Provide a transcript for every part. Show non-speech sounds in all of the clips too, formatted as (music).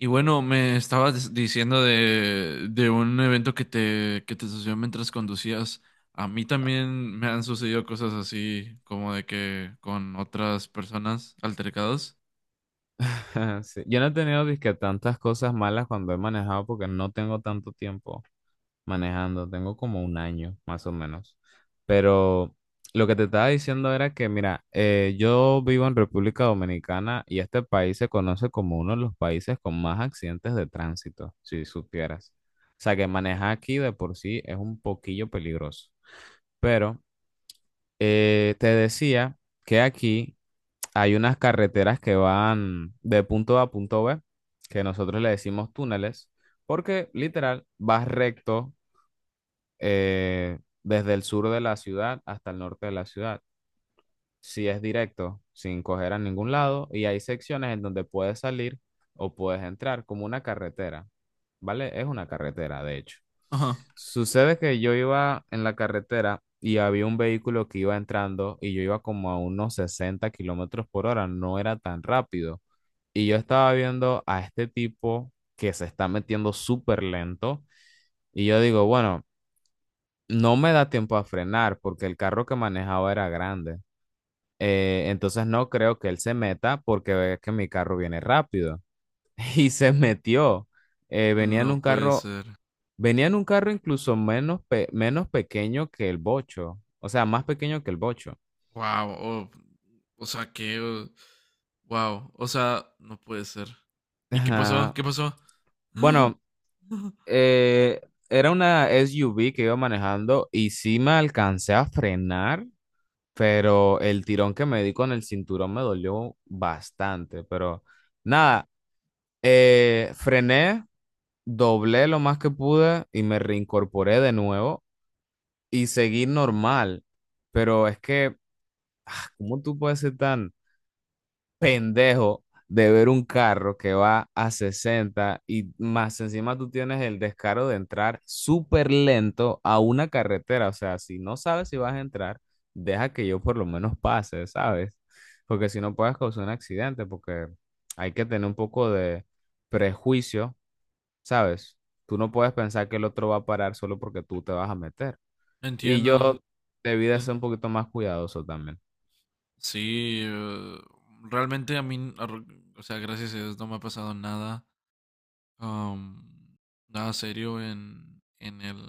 Y bueno, me estabas diciendo de un evento que te sucedió mientras conducías. A mí también me han sucedido cosas así, como de que con otras personas altercados. (laughs) Sí, yo no he tenido disque tantas cosas malas cuando he manejado porque no tengo tanto tiempo manejando, tengo como un año más o menos. Pero lo que te estaba diciendo era que, mira, yo vivo en República Dominicana y este país se conoce como uno de los países con más accidentes de tránsito, si supieras. O sea, que manejar aquí de por sí es un poquillo peligroso. Pero te decía que aquí hay unas carreteras que van de punto A a punto B, que nosotros le decimos túneles, porque literal vas recto desde el sur de la ciudad hasta el norte de la ciudad si es directo, sin coger a ningún lado, y hay secciones en donde puedes salir o puedes entrar, como una carretera, ¿vale? Es una carretera, de hecho. Ajá. Sucede que yo iba en la carretera y había un vehículo que iba entrando y yo iba como a unos 60 kilómetros por hora, no era tan rápido. Y yo estaba viendo a este tipo que se está metiendo súper lento y yo digo, bueno, no me da tiempo a frenar porque el carro que manejaba era grande. Entonces no creo que él se meta porque ve que mi carro viene rápido. (laughs) Y se metió. Eh, venía en No un puede carro, ser. Venía en un carro incluso menos, menos pequeño que el Bocho. O sea, más pequeño que el Bocho. Wow. O sea, que... Wow. O sea, no puede ser. ¿Y qué pasó? Ajá. ¿Qué pasó? (gasps) Bueno, eh, era una SUV que iba manejando y sí me alcancé a frenar, pero el tirón que me di con el cinturón me dolió bastante. Pero nada. Frené, doblé lo más que pude y me reincorporé de nuevo y seguí normal. Pero es que, ¿cómo tú puedes ser tan pendejo de ver un carro que va a 60 y más encima tú tienes el descaro de entrar súper lento a una carretera? O sea, si no sabes si vas a entrar, deja que yo por lo menos pase, ¿sabes? Porque si no puedes causar un accidente, porque hay que tener un poco de prejuicio, ¿sabes? Tú no puedes pensar que el otro va a parar solo porque tú te vas a meter. Y yo Entiendo. debí de ser un Sí, poquito más cuidadoso también. Sí, eh, Realmente a mí, o sea, gracias a Dios no me ha pasado nada. am, Nada serio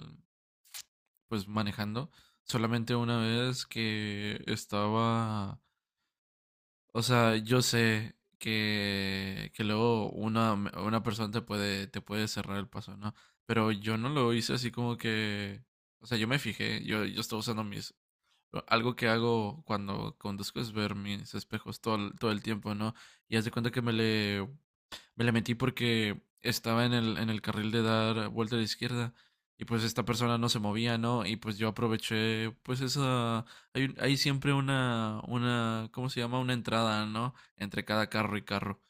pues manejando. Solamente una vez que estaba, o sea, yo sé que luego una persona te puede cerrar el paso, ¿no? Pero yo no lo hice así como que, o sea, yo me fijé, yo estaba usando mis, algo que hago cuando conduzco es ver mis espejos todo el tiempo, ¿no? Y haz de cuenta que me le metí porque estaba en el carril de dar vuelta a la izquierda y pues esta persona no se movía, ¿no? Y pues yo aproveché, pues esa, hay, hay siempre ¿cómo se llama? Una entrada, ¿no? Entre cada carro y carro.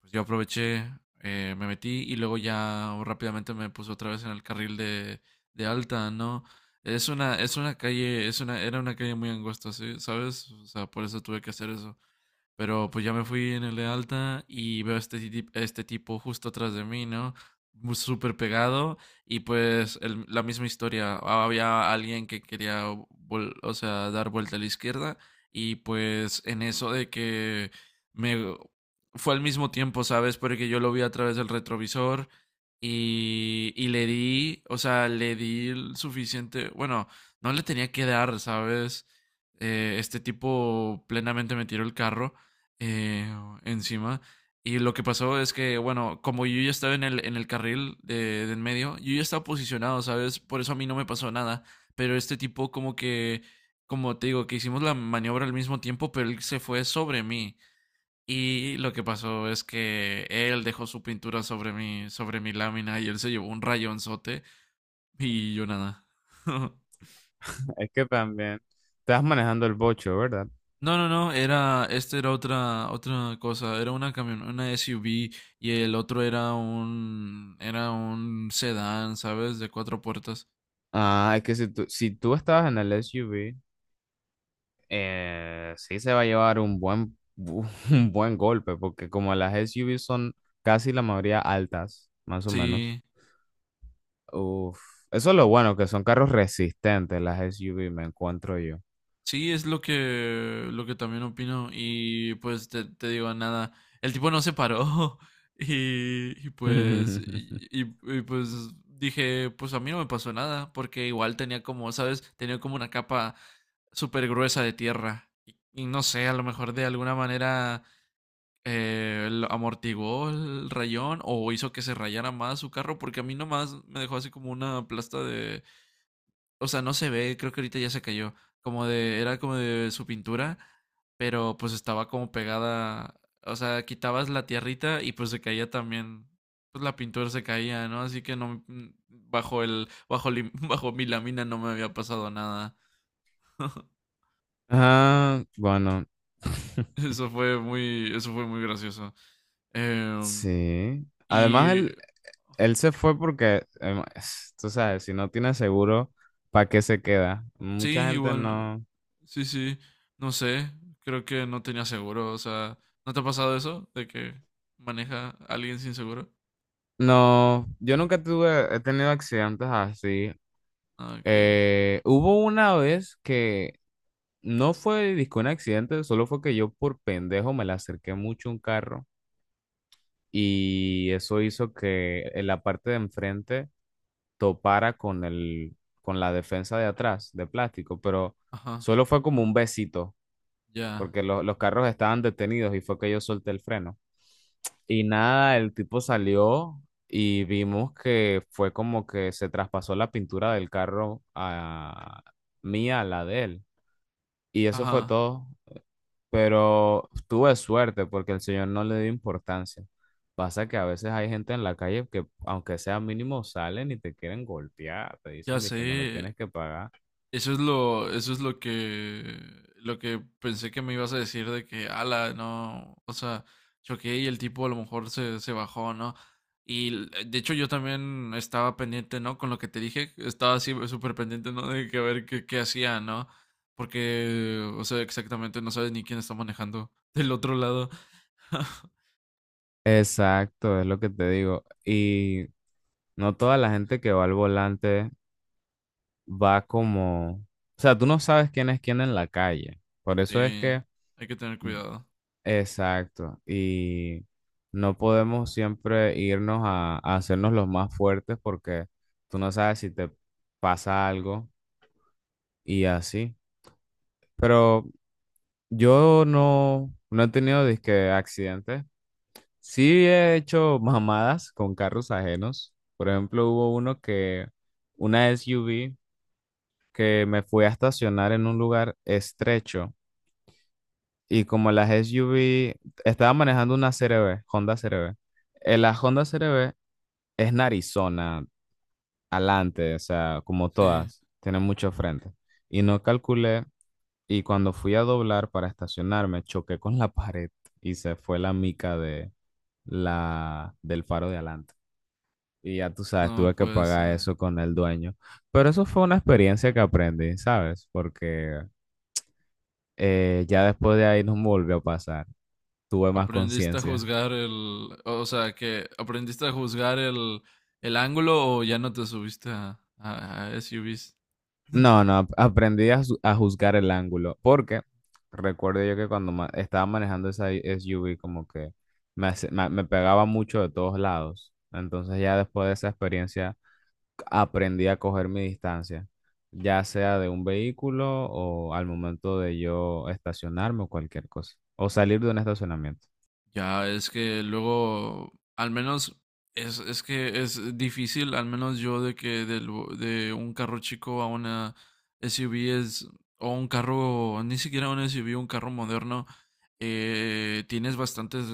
Pues yo aproveché, me metí y luego ya rápidamente me puse otra vez en el de alta, ¿no? Es una calle, es una, Era una calle muy angosta, ¿sí? ¿Sabes? O sea, por eso tuve que hacer eso. Pero pues ya me fui en el de alta y veo a este tipo justo atrás de mí, ¿no? Súper pegado y pues la misma historia. Había alguien que o sea, dar vuelta a la izquierda y pues en eso de que me... Fue al mismo tiempo, ¿sabes? Porque yo lo vi a través del retrovisor y le di, o sea, le di el suficiente, bueno, no le tenía que dar, ¿sabes? Este tipo plenamente me tiró el carro eh, encima. Y lo que pasó es que, bueno, como yo ya estaba en el carril de en medio, yo ya estaba posicionado, ¿sabes? Por eso a mí no me pasó nada. Pero este tipo como que, como te digo, que hicimos la maniobra al mismo tiempo, pero él se fue sobre mí. Y lo que pasó es que él dejó su pintura sobre sobre mi lámina y él se llevó un rayonzote y yo nada. (laughs) Es que también estás manejando el bocho, ¿verdad? No, no, no, era, Este era otra cosa, era una camion, una SUV y el otro era era un sedán, ¿sabes? De cuatro puertas. Ah, es que si tú estabas en el SUV, sí se va a llevar un buen, (laughs) un buen golpe, porque como las SUV son casi la mayoría altas, más o menos. Sí, Uf, eso es lo bueno, que son carros resistentes las SUV, me encuentro yo. sí, es lo que también opino y pues te digo nada, el tipo no se paró (laughs) (laughs) pues dije, pues a mí no me pasó nada porque igual tenía como, ¿sabes? Tenía como una capa súper gruesa de tierra y no sé, a lo mejor de alguna manera amortiguó el rayón o hizo que se rayara más su carro, porque a mí nomás me dejó así como una plasta de, o sea, no se ve, creo que ahorita ya se cayó, era como de su pintura, pero pues estaba como pegada, o sea, quitabas la tierrita y pues se caía también, pues la pintura se caía, ¿no? Así que no, bajo el, bajo, lim- (laughs) bajo mi lámina no me había pasado nada. (laughs) Ah, bueno. (laughs) Eso fue eso fue muy gracioso. Em, Sí. Además, y él se fue porque, tú sabes, si no tiene seguro, ¿para qué se queda? Sí, Mucha gente igual. no... Sí, sí. No sé. Creo que no tenía seguro. O sea, ¿no te ha pasado eso? De que maneja a alguien sin seguro. No, yo nunca tuve, he tenido accidentes así. Ah, ok. Hubo una vez que no fue disco un accidente, solo fue que yo por pendejo me le acerqué mucho a un carro y eso hizo que en la parte de enfrente topara con con la defensa de atrás, de plástico, pero Ajá. solo fue como un besito. Ya. Porque los carros estaban detenidos y fue que yo solté el freno. Y nada, el tipo salió y vimos que fue como que se traspasó la pintura del carro a mía, a la de él. Y eso fue Ajá. todo. Pero tuve suerte porque el señor no le dio importancia. Pasa que a veces hay gente en la calle que, aunque sea mínimo, salen y te quieren golpear, te Ya dicen de sé. que me lo tienes que pagar. Eso es eso es lo que pensé que me ibas a decir de que, ala, no, o sea, choqué y el tipo a lo mejor se bajó, ¿no? Y de hecho yo también estaba pendiente, ¿no? Con lo que te dije, estaba así súper pendiente, ¿no? De que a ver qué hacía, ¿no? Porque, o sea, exactamente no sabes ni quién está manejando (laughs) del otro lado. (laughs) Exacto, es lo que te digo. Y no toda la gente que va al volante va como, o sea, tú no sabes quién es quién en la calle. Por eso es Sí, que, hay que tener cuidado. exacto, y no podemos siempre irnos a hacernos los más fuertes porque tú no sabes si te pasa algo y así. Pero yo no, no he tenido disque accidentes. Sí he hecho mamadas con carros ajenos. Por ejemplo, hubo uno que, una SUV que me fui a estacionar en un lugar estrecho. Y como las SUV, estaba manejando una CRV, Honda CRV. La Honda CRV es narizona, adelante, o sea, como Sí, todas, tiene mucho frente. Y no calculé, y cuando fui a doblar para estacionarme, choqué con la (laughs) pared y se fue la mica de del faro de adelante. Y ya tú sabes, no, tuve que pues... pagar eso con el dueño. Pero eso fue una experiencia que aprendí, ¿sabes? Porque ya después de ahí no me volvió a pasar. Tuve más Aprendiste a conciencia. juzgar el, o sea, que aprendiste a juzgar el ángulo o ya no te subiste a SUVs. (laughs) No, no, aprendí a, a juzgar el ángulo, porque recuerdo yo que cuando estaba manejando esa SUV como que me pegaba mucho de todos lados. Entonces ya después de esa experiencia aprendí a coger mi distancia, ya sea de un vehículo o al momento de yo estacionarme o cualquier cosa, o salir de un estacionamiento. Ya, es que luego, al menos, es que es difícil, al menos yo, de que de un carro chico a una SUV es, o un carro, ni siquiera un SUV, un carro moderno, tienes bastantes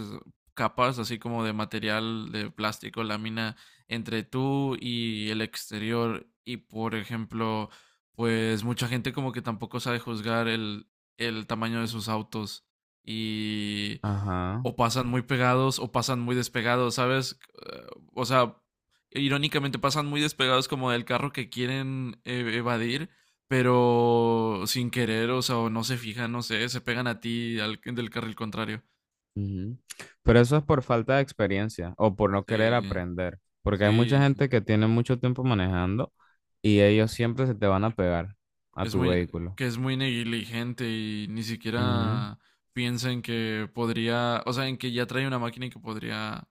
capas, así como de material, de plástico, lámina, entre tú y el exterior. Y, por ejemplo, pues mucha gente como que tampoco sabe juzgar el tamaño de sus autos. Y Ajá. o pasan muy pegados o pasan muy despegados, ¿sabes? O sea, irónicamente pasan muy despegados como del carro que quieren ev evadir, pero sin querer, o sea, o no se fijan, no sé, se pegan a ti del carril contrario. Ujú. Pero eso es por falta de experiencia o por no querer Sí, aprender, porque hay mucha sí, gente que tiene mucho tiempo manejando y ellos siempre se te van a pegar a es tu vehículo. que es muy negligente y ni Ujú. siquiera piensa en que podría, o sea, en que ya trae una máquina y que podría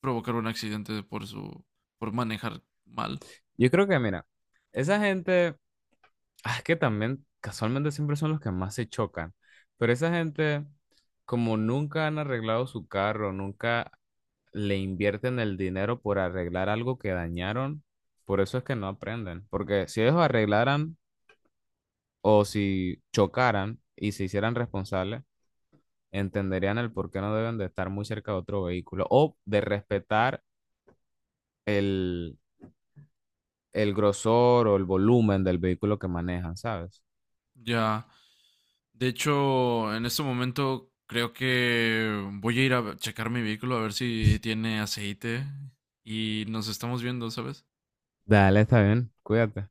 provocar un accidente por su, por manejar mal. Yo creo que, mira, esa gente, ah, es que también casualmente siempre son los que más se chocan, pero esa gente, como nunca han arreglado su carro, nunca le invierten el dinero por arreglar algo que dañaron, por eso es que no aprenden, porque si ellos arreglaran o si chocaran y se hicieran responsables, entenderían el por qué no deben de estar muy cerca de otro vehículo o de respetar el, el grosor o el volumen del vehículo que manejan, ¿sabes? Ya. De hecho, en este momento creo que voy a ir a checar mi vehículo a ver si tiene aceite y nos estamos viendo, ¿sabes? Dale, está bien, cuídate.